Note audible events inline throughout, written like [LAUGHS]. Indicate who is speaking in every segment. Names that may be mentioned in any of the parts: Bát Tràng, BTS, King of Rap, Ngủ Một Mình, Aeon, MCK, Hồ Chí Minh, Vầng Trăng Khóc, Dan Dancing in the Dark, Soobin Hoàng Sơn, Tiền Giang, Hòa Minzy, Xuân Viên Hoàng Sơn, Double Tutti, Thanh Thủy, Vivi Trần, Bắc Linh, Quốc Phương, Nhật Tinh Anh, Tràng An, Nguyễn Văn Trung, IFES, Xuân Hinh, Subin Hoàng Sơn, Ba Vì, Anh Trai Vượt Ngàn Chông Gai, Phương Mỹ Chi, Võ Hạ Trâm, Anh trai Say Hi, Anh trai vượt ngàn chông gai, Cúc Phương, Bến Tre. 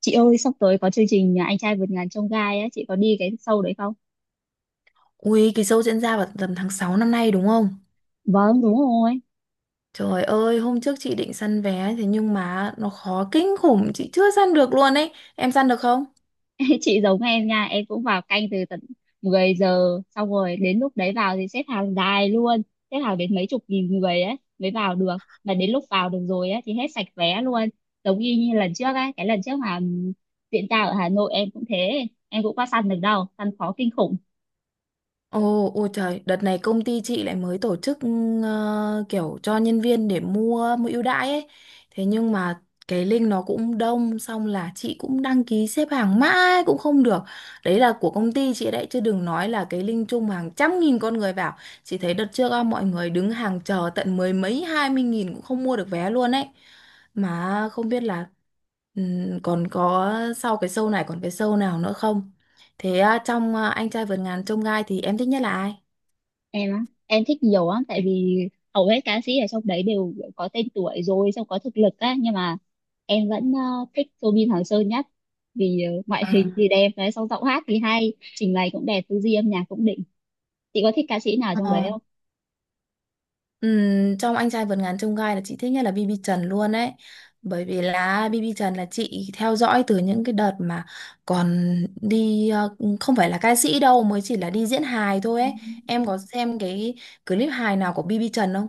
Speaker 1: Chị ơi, sắp tới có chương trình Anh trai vượt ngàn chông gai á, chị có đi cái show đấy không?
Speaker 2: Ui, cái show diễn ra vào tầm tháng 6 năm nay đúng không?
Speaker 1: Vâng, đúng rồi.
Speaker 2: Trời ơi, hôm trước chị định săn vé thế nhưng mà nó khó kinh khủng, chị chưa săn được luôn ấy. Em săn được không?
Speaker 1: [LAUGHS] Chị giống em nha, em cũng vào canh từ tận 10 giờ, xong rồi đến lúc đấy vào thì xếp hàng dài luôn, xếp hàng đến mấy chục nghìn người ấy mới vào được. Mà đến lúc vào được rồi á thì hết sạch vé luôn. Giống y như lần trước ấy, cái lần trước mà diễn ra ở Hà Nội em cũng thế, em cũng qua săn được đâu, săn khó kinh khủng.
Speaker 2: Ồ, ôi trời, đợt này công ty chị lại mới tổ chức kiểu cho nhân viên để mua mua ưu đãi ấy. Thế nhưng mà cái link nó cũng đông, xong là chị cũng đăng ký xếp hàng mãi cũng không được. Đấy là của công ty chị đấy, chứ đừng nói là cái link chung hàng trăm nghìn con người vào. Chị thấy đợt trước á, mọi người đứng hàng chờ tận mười mấy hai mươi nghìn cũng không mua được vé luôn ấy. Mà không biết là còn có sau cái show này còn cái show nào nữa không? Thế à, trong à, anh trai vượt ngàn chông gai thì em thích nhất là ai?
Speaker 1: Em á em thích nhiều á tại vì hầu hết ca sĩ ở trong đấy đều có tên tuổi rồi xong có thực lực á, nhưng mà em vẫn thích Soobin Hoàng Sơn nhất, vì ngoại
Speaker 2: À.
Speaker 1: hình thì đẹp đấy, xong giọng hát thì hay, trình bày cũng đẹp, tư duy âm nhạc cũng đỉnh. Chị có thích ca sĩ nào trong đấy
Speaker 2: Ờ.
Speaker 1: không?
Speaker 2: Trong anh trai vượt ngàn chông gai là chị thích nhất là BB Trần luôn ấy. Bởi vì là BB Trần là chị theo dõi từ những cái đợt mà còn đi, không phải là ca sĩ đâu, mới chỉ là đi diễn hài thôi ấy. Em có xem cái clip hài nào của BB Trần không?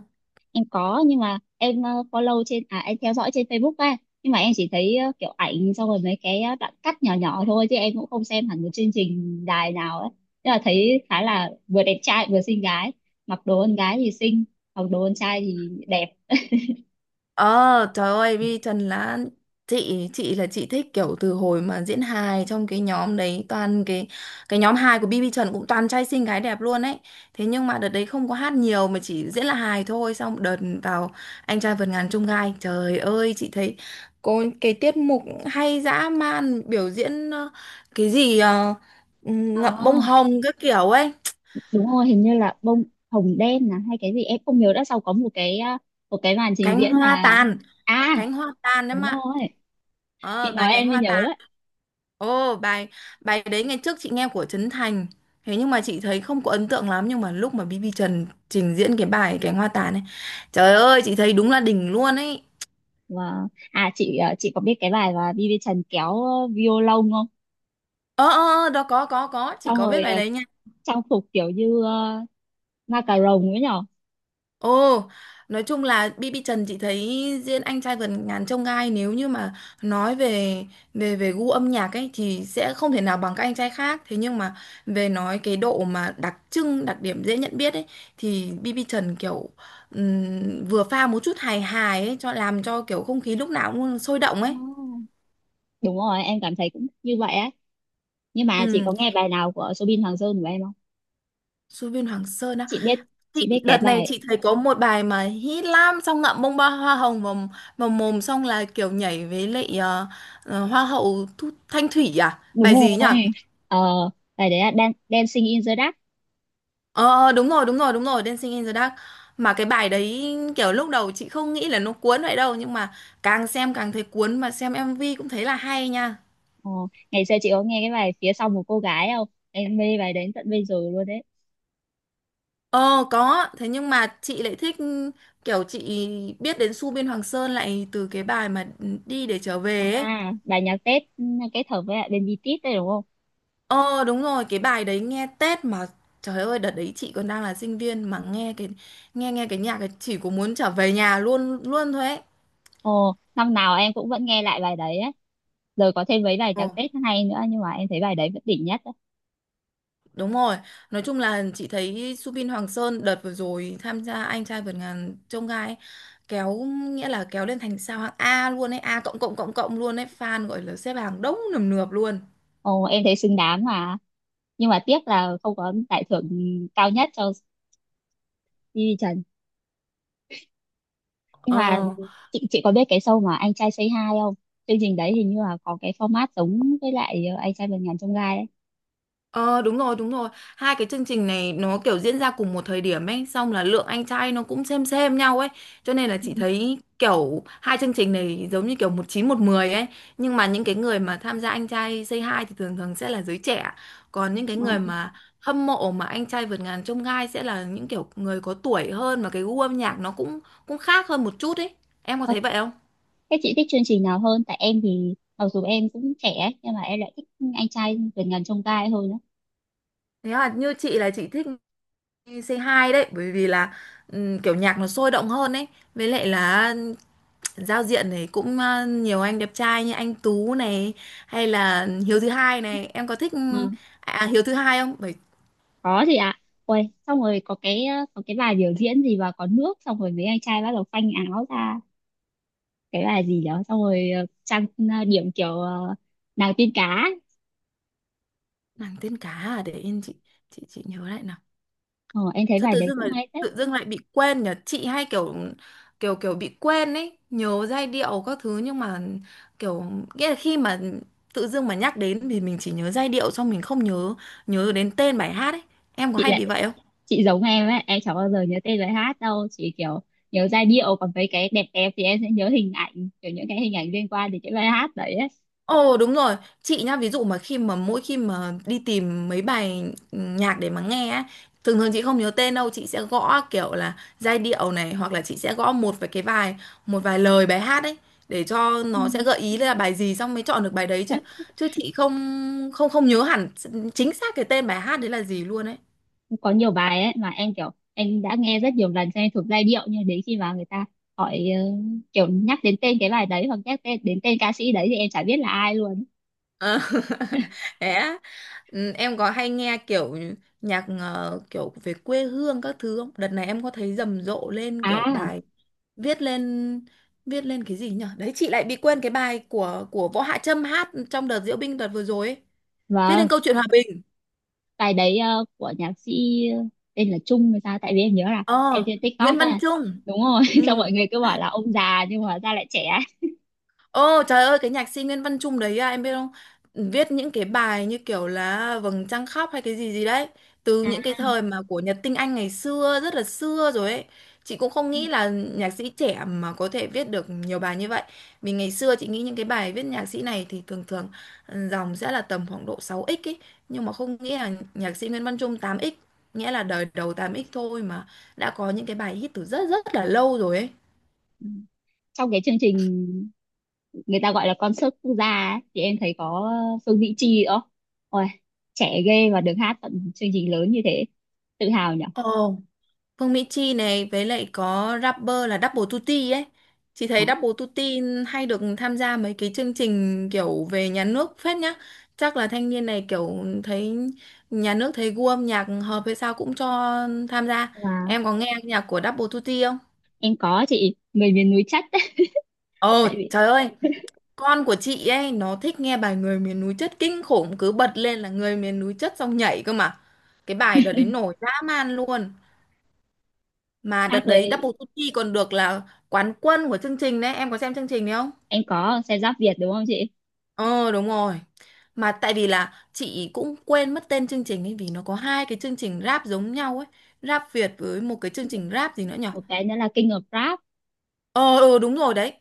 Speaker 1: Em có, nhưng mà em follow trên à em theo dõi trên Facebook ấy, nhưng mà em chỉ thấy kiểu ảnh, xong rồi mấy cái đoạn cắt nhỏ nhỏ thôi, chứ em cũng không xem hẳn một chương trình đài nào ấy, nhưng mà thấy khá là vừa đẹp trai vừa xinh gái, mặc đồ con gái thì xinh, mặc đồ con trai thì đẹp.
Speaker 2: Ờ, trời ơi, Vi Trần là chị thích kiểu từ hồi mà diễn hài trong cái nhóm đấy, toàn cái nhóm hài của BB Trần cũng toàn trai xinh gái đẹp luôn ấy. Thế nhưng mà đợt đấy không có hát nhiều mà chỉ diễn là hài thôi, xong đợt vào anh trai vượt ngàn chông gai. Trời ơi, chị thấy có cái tiết mục hay dã man, biểu diễn cái gì
Speaker 1: Ờ,
Speaker 2: ngậm bông hồng các kiểu ấy,
Speaker 1: đúng rồi, hình như là bông hồng đen là hay cái gì em không nhớ, đã sau có một cái màn trình
Speaker 2: cánh
Speaker 1: diễn
Speaker 2: hoa
Speaker 1: là
Speaker 2: tàn,
Speaker 1: à
Speaker 2: cánh hoa tàn. Đấy
Speaker 1: đúng
Speaker 2: mà.
Speaker 1: rồi,
Speaker 2: Ờ,
Speaker 1: chị
Speaker 2: bài
Speaker 1: nói
Speaker 2: cánh
Speaker 1: em mới
Speaker 2: hoa
Speaker 1: nhớ
Speaker 2: tàn.
Speaker 1: ấy.
Speaker 2: Ồ, bài bài đấy ngày trước chị nghe của Trấn Thành. Thế nhưng mà chị thấy không có ấn tượng lắm, nhưng mà lúc mà BB Trần trình diễn cái bài cánh hoa tàn này, trời ơi, chị thấy đúng là đỉnh luôn ấy.
Speaker 1: Và à, chị có biết cái bài mà Vivi Trần kéo violon không?
Speaker 2: Ờ ờ ờ, đó có, chị
Speaker 1: Xong
Speaker 2: có biết
Speaker 1: rồi
Speaker 2: bài đấy nha.
Speaker 1: trang phục kiểu như ma cà rồng ấy nhở.
Speaker 2: Ồ, nói chung là BB Trần chị thấy diễn anh trai vượt ngàn chông gai, nếu như mà nói về về về gu âm nhạc ấy thì sẽ không thể nào bằng các anh trai khác. Thế nhưng mà về nói cái độ mà đặc trưng, đặc điểm dễ nhận biết ấy thì BB Trần kiểu vừa pha một chút hài hài ấy, cho làm cho kiểu không khí lúc nào cũng sôi động ấy.
Speaker 1: Ồ, đúng rồi em cảm thấy cũng như vậy á, nhưng mà chị
Speaker 2: Ừ,
Speaker 1: có nghe bài nào của Soobin Hoàng Sơn của em không?
Speaker 2: Xuân Viên Hoàng Sơn á.
Speaker 1: chị biết chị
Speaker 2: Chị,
Speaker 1: biết cái
Speaker 2: đợt này
Speaker 1: bài
Speaker 2: chị thấy có một bài mà hit lắm, xong ngậm bông ba hoa hồng vào, vào mồm, xong là kiểu nhảy với lại hoa hậu Thu, Thanh Thủy, à
Speaker 1: đúng
Speaker 2: bài gì nhỉ.
Speaker 1: rồi ờ bài đấy là Dancing in the Dark.
Speaker 2: Ờ, Đúng rồi, đúng rồi, đúng rồi, Dancing in the Dark. Mà cái bài đấy kiểu lúc đầu chị không nghĩ là nó cuốn vậy đâu, nhưng mà càng xem càng thấy cuốn, mà xem MV cũng thấy là hay nha.
Speaker 1: ờ, Ngày xưa chị có nghe cái bài phía sau một cô gái không, em mê bài đến tận bây giờ luôn đấy.
Speaker 2: Ờ, có. Thế nhưng mà chị lại thích kiểu chị biết đến Su Biên Hoàng Sơn lại từ cái bài mà đi để trở về ấy.
Speaker 1: À bài nhạc Tết, kết hợp với lại bên BTS đấy đúng không?
Speaker 2: Ờ đúng rồi, cái bài đấy nghe Tết mà trời ơi, đợt đấy chị còn đang là sinh viên mà nghe cái nghe nghe cái nhạc ấy chỉ có muốn trở về nhà luôn luôn thôi ấy.
Speaker 1: Ồ năm nào em cũng vẫn nghe lại bài đấy á, rồi có thêm mấy bài nhạc
Speaker 2: Ờ,
Speaker 1: Tết hay nữa, nhưng mà em thấy bài đấy vẫn đỉnh nhất.
Speaker 2: đúng rồi. Nói chung là chị thấy Subin Hoàng Sơn đợt vừa rồi tham gia anh trai vượt ngàn chông gai ấy, kéo nghĩa là kéo lên thành sao hạng A luôn ấy, A cộng cộng cộng cộng luôn ấy, fan gọi là xếp hàng đông nườm nượp luôn.
Speaker 1: Ồ, em thấy xứng đáng mà. Nhưng mà tiếc là không có giải thưởng cao nhất cho Di Trần. Nhưng mà
Speaker 2: Ờ.
Speaker 1: chị có biết cái show mà Anh trai Say Hi không? Chương trình đấy hình như là có cái format giống với lại Anh trai vượt ngàn chông gai ấy.
Speaker 2: Ờ đúng rồi, đúng rồi. Hai cái chương trình này nó kiểu diễn ra cùng một thời điểm ấy. Xong là lượng anh trai nó cũng xem nhau ấy. Cho nên là
Speaker 1: Ừ.
Speaker 2: chị thấy kiểu hai chương trình này giống như kiểu một chín một mười ấy. Nhưng mà những cái người mà tham gia anh trai Say Hi thì thường thường sẽ là giới trẻ. Còn những cái người mà hâm mộ mà anh trai vượt ngàn chông gai sẽ là những kiểu người có tuổi hơn, mà cái gu âm nhạc nó cũng cũng khác hơn một chút ấy. Em có
Speaker 1: Ờ,
Speaker 2: thấy vậy không?
Speaker 1: thế chị thích chương trình nào hơn? Tại em thì mặc dù em cũng trẻ ấy, nhưng mà em lại thích Anh trai vượt ngàn chông gai hơn á.
Speaker 2: Thế là như chị là chị thích c hai đấy, bởi vì là kiểu nhạc nó sôi động hơn ấy, với lại là giao diện này cũng nhiều anh đẹp trai, như anh Tú này, hay là Hiếu thứ hai này. Em có thích
Speaker 1: Ừ.
Speaker 2: Hiếu thứ hai không? Bởi
Speaker 1: Có gì ạ? Ôi, xong rồi có có cái bài biểu diễn gì mà có nước, xong rồi mấy anh trai bắt đầu phanh áo ra, cái bài gì đó, xong rồi trang điểm kiểu nàng tiên cá ấy.
Speaker 2: nàng tiên cá à, để yên chị, chị nhớ lại nào.
Speaker 1: Ờ, em thấy
Speaker 2: Sao
Speaker 1: bài
Speaker 2: tự
Speaker 1: đấy
Speaker 2: dưng
Speaker 1: cũng
Speaker 2: lại
Speaker 1: hay phết.
Speaker 2: bị quên nhỉ? Chị hay kiểu kiểu kiểu bị quên ấy, nhớ giai điệu các thứ nhưng mà kiểu, nghĩa là khi mà tự dưng mà nhắc đến thì mình chỉ nhớ giai điệu xong mình không nhớ nhớ đến tên bài hát ấy. Em có
Speaker 1: chị
Speaker 2: hay bị
Speaker 1: lại
Speaker 2: vậy không?
Speaker 1: chị giống em ấy, em chẳng bao giờ nhớ tên bài hát đâu, chỉ kiểu nhớ giai điệu, còn mấy cái đẹp đẹp thì em sẽ nhớ hình ảnh, kiểu những cái hình ảnh liên quan đến cái bài hát đấy ấy.
Speaker 2: Ồ, đúng rồi, chị nhá, ví dụ mà khi mà mỗi khi mà đi tìm mấy bài nhạc để mà nghe á, thường thường chị không nhớ tên đâu, chị sẽ gõ kiểu là giai điệu này, hoặc là chị sẽ gõ một vài cái vài một vài lời bài hát ấy để cho
Speaker 1: Ừ.
Speaker 2: nó sẽ gợi ý là bài gì, xong mới chọn được bài đấy chứ.
Speaker 1: Thật,
Speaker 2: Chứ chị không không không nhớ hẳn chính xác cái tên bài hát đấy là gì luôn ấy.
Speaker 1: có nhiều bài ấy mà em kiểu em đã nghe rất nhiều lần cho em thuộc giai điệu, nhưng đến khi mà người ta hỏi kiểu nhắc đến tên cái bài đấy, hoặc nhắc tên đến tên ca sĩ đấy, thì em chả biết là ai luôn.
Speaker 2: Ờ, [LAUGHS] thế á. Ừ, em có hay nghe kiểu nhạc kiểu về quê hương các thứ không? Đợt này em có thấy rầm rộ lên kiểu
Speaker 1: À
Speaker 2: bài viết lên, viết lên cái gì nhỉ? Đấy, chị lại bị quên cái bài của Võ Hạ Trâm hát trong đợt diễu binh đợt vừa rồi ấy. Viết lên
Speaker 1: vâng,
Speaker 2: câu chuyện hòa bình.
Speaker 1: bài đấy của nhạc sĩ ờ, tên là Trung hay sao, tại vì em nhớ là xem
Speaker 2: Ờ,
Speaker 1: trên TikTok.
Speaker 2: Nguyễn Văn
Speaker 1: À
Speaker 2: Trung.
Speaker 1: đúng rồi [LAUGHS]
Speaker 2: Ừ.
Speaker 1: xong mọi người cứ bảo là ông già nhưng mà hóa ra lại trẻ.
Speaker 2: Ồ trời ơi, cái nhạc sĩ Nguyễn Văn Trung đấy à, em biết không, viết những cái bài như kiểu là Vầng Trăng Khóc hay cái gì gì đấy, từ những cái
Speaker 1: À
Speaker 2: thời mà của Nhật Tinh Anh ngày xưa, rất là xưa rồi ấy. Chị cũng không
Speaker 1: ừ,
Speaker 2: nghĩ là nhạc sĩ trẻ mà có thể viết được nhiều bài như vậy, vì ngày xưa chị nghĩ những cái bài viết nhạc sĩ này thì thường thường, ừ, dòng sẽ là tầm khoảng độ 6x ấy, nhưng mà không nghĩ là nhạc sĩ Nguyễn Văn Trung 8x, nghĩa là đời đầu 8x thôi mà đã có những cái bài hit từ rất rất là lâu rồi ấy.
Speaker 1: ừ. Trong cái chương trình người ta gọi là concert quốc gia ấy, thì em thấy có Phương Mỹ Chi đó, ôi trẻ ghê, và được hát tận chương trình lớn như thế, tự hào nhỉ.
Speaker 2: Ồ, Phương Mỹ Chi này với lại có rapper là Double Tutti ấy. Chị
Speaker 1: Đó.
Speaker 2: thấy Double Tutti hay được tham gia mấy cái chương trình kiểu về nhà nước phết nhá. Chắc là thanh niên này kiểu thấy nhà nước thấy gu âm nhạc hợp hay sao cũng cho tham gia.
Speaker 1: Và
Speaker 2: Em có nghe nhạc của Double Tutti không?
Speaker 1: em có, chị, người miền núi chắc. [LAUGHS]
Speaker 2: Ồ
Speaker 1: Tại vì
Speaker 2: trời ơi, con của chị ấy nó thích nghe bài Người miền núi chất kinh khủng, cứ bật lên là Người miền núi chất xong nhảy cơ mà. Cái bài đợt đấy nổi dã man luôn. Mà đợt
Speaker 1: hát
Speaker 2: đấy Double
Speaker 1: với
Speaker 2: Duty còn được là quán quân của chương trình đấy, em có xem chương trình đấy không?
Speaker 1: em có xe giáp Việt đúng không chị?
Speaker 2: Ờ đúng rồi. Mà tại vì là chị cũng quên mất tên chương trình ấy, vì nó có hai cái chương trình rap giống nhau ấy, rap Việt với một cái chương trình rap gì nữa nhở.
Speaker 1: Một cái nữa là King of Rap.
Speaker 2: Ờ ừ, đúng rồi đấy.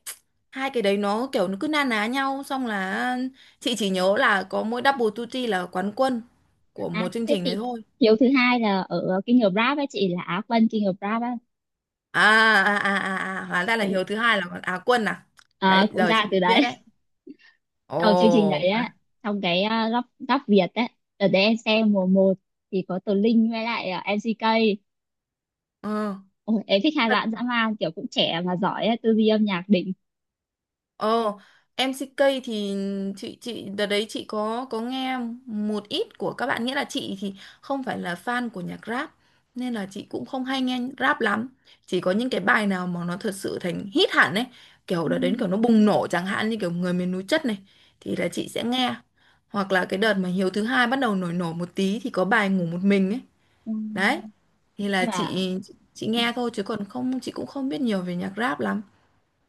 Speaker 2: Hai cái đấy nó kiểu nó cứ na ná nhau, xong là chị chỉ nhớ là có mỗi Double Duty là quán quân của
Speaker 1: À,
Speaker 2: một chương
Speaker 1: thế
Speaker 2: trình đấy
Speaker 1: thì
Speaker 2: thôi.
Speaker 1: hiếu thứ hai là ở King of Rap ấy chị, là Á quân King of Rap á,
Speaker 2: À à, hóa ra là
Speaker 1: cũng
Speaker 2: Hiếu thứ hai là Á quân à?
Speaker 1: à,
Speaker 2: Đấy,
Speaker 1: cũng
Speaker 2: giờ
Speaker 1: ra
Speaker 2: chị
Speaker 1: từ
Speaker 2: mới
Speaker 1: đấy.
Speaker 2: biết đấy.
Speaker 1: [LAUGHS] Đầu chương trình đấy
Speaker 2: Ồ.
Speaker 1: á,
Speaker 2: À.
Speaker 1: trong cái góc góc Việt á, ở đấy em xem mùa một thì có Tố Linh với lại MCK. Ôi, em thích hai
Speaker 2: Ừ.
Speaker 1: bạn dã man, kiểu cũng trẻ mà giỏi á, tư duy âm nhạc đỉnh.
Speaker 2: Ờ, MCK thì chị đợt đấy chị có nghe một ít của các bạn, nghĩa là chị thì không phải là fan của nhạc rap nên là chị cũng không hay nghe rap lắm. Chỉ có những cái bài nào mà nó thật sự thành hit hẳn ấy, kiểu đợt đến
Speaker 1: Ừm,
Speaker 2: kiểu nó bùng nổ, chẳng hạn như kiểu người miền núi chất này, thì là chị sẽ nghe. Hoặc là cái đợt mà Hiếu thứ hai bắt đầu nổi nổi một tí thì có bài ngủ một mình ấy. Đấy.
Speaker 1: ừm.
Speaker 2: Thì là
Speaker 1: Nhưng mà
Speaker 2: chị nghe thôi chứ còn không chị cũng không biết nhiều về nhạc rap lắm.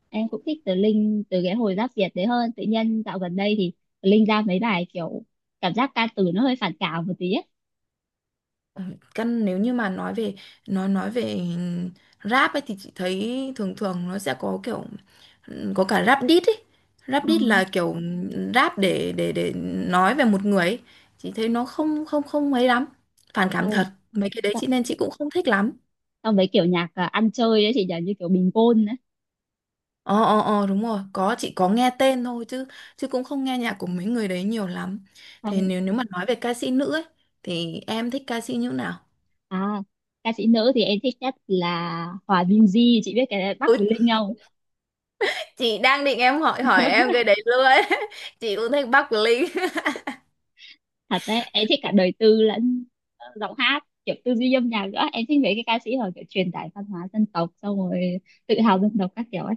Speaker 1: em cũng thích Tố Linh từ cái hồi giáp Việt đấy, hơn tự nhiên dạo gần đây thì Tố Linh ra mấy bài kiểu cảm giác ca từ nó hơi phản cảm một tí á.
Speaker 2: Căn nếu như mà nói về nói về rap ấy thì chị thấy thường thường nó sẽ có kiểu, có cả rap diss ấy. Rap
Speaker 1: Ừ.
Speaker 2: diss là kiểu rap để để nói về một người ấy. Chị thấy nó không không không mấy lắm, phản cảm thật,
Speaker 1: Xong-
Speaker 2: mấy cái đấy chị, nên chị cũng không thích lắm.
Speaker 1: xong mấy kiểu nhạc ăn chơi ấy chị nhỉ, như kiểu bình gôn đấy.
Speaker 2: Ờ ờ ờ, đúng rồi, có, chị có nghe tên thôi chứ, chứ cũng không nghe nhạc của mấy người đấy nhiều lắm. Thì
Speaker 1: Xong
Speaker 2: nếu nếu mà nói về ca sĩ nữ ấy thì em thích ca sĩ như nào?
Speaker 1: à, ca sĩ nữ thì em thích nhất là Hòa Minzy, chị biết cái Bắc
Speaker 2: Ừ,
Speaker 1: với Linh không?
Speaker 2: chị đang định em hỏi hỏi em cái đấy luôn ấy. [LAUGHS] Chị cũng thích Bắc Linh. [LAUGHS]
Speaker 1: Thật đấy, em thích cả đời tư lẫn giọng hát, kiểu tư duy âm nhạc nữa, em thích mấy cái ca sĩ họ kiểu truyền tải văn hóa dân tộc, xong rồi tự hào dân tộc các kiểu ấy.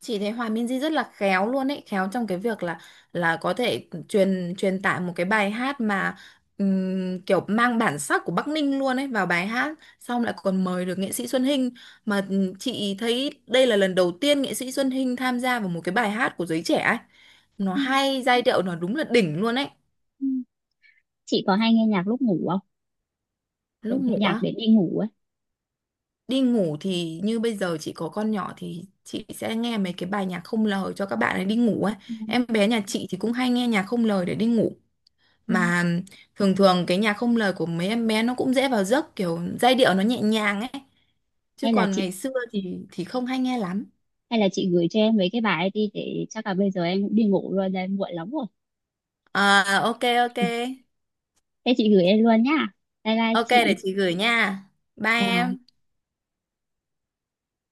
Speaker 2: Chị thấy Hòa Minzy rất là khéo luôn ấy, khéo trong cái việc là có thể truyền truyền tải một cái bài hát mà kiểu mang bản sắc của Bắc Ninh luôn ấy vào bài hát, xong lại còn mời được nghệ sĩ Xuân Hinh, mà chị thấy đây là lần đầu tiên nghệ sĩ Xuân Hinh tham gia vào một cái bài hát của giới trẻ ấy, nó
Speaker 1: Ừ,
Speaker 2: hay, giai điệu nó đúng là đỉnh luôn ấy.
Speaker 1: ừ. Chị có hay nghe nhạc lúc ngủ không, kiểu
Speaker 2: Lúc
Speaker 1: nghe
Speaker 2: ngủ
Speaker 1: nhạc
Speaker 2: á?
Speaker 1: để đi ngủ ấy?
Speaker 2: Đi ngủ thì như bây giờ chị có con nhỏ thì chị sẽ nghe mấy cái bài nhạc không lời cho các bạn ấy đi ngủ ấy.
Speaker 1: Ừ,
Speaker 2: Em bé nhà chị thì cũng hay nghe nhạc không lời để đi ngủ.
Speaker 1: ừ.
Speaker 2: Mà thường thường cái nhạc không lời của mấy em bé nó cũng dễ vào giấc, kiểu giai điệu nó nhẹ nhàng ấy. Chứ
Speaker 1: hay là
Speaker 2: còn
Speaker 1: chị
Speaker 2: ngày xưa thì không hay nghe lắm.
Speaker 1: hay là chị gửi cho em mấy cái bài ấy đi, để chắc là bây giờ em cũng đi ngủ rồi đây, muộn lắm rồi.
Speaker 2: À, ok, ok.
Speaker 1: Thế chị gửi em luôn nhá. Bye bye
Speaker 2: Ok, để
Speaker 1: chị.
Speaker 2: chị gửi nha. Bye em.
Speaker 1: Và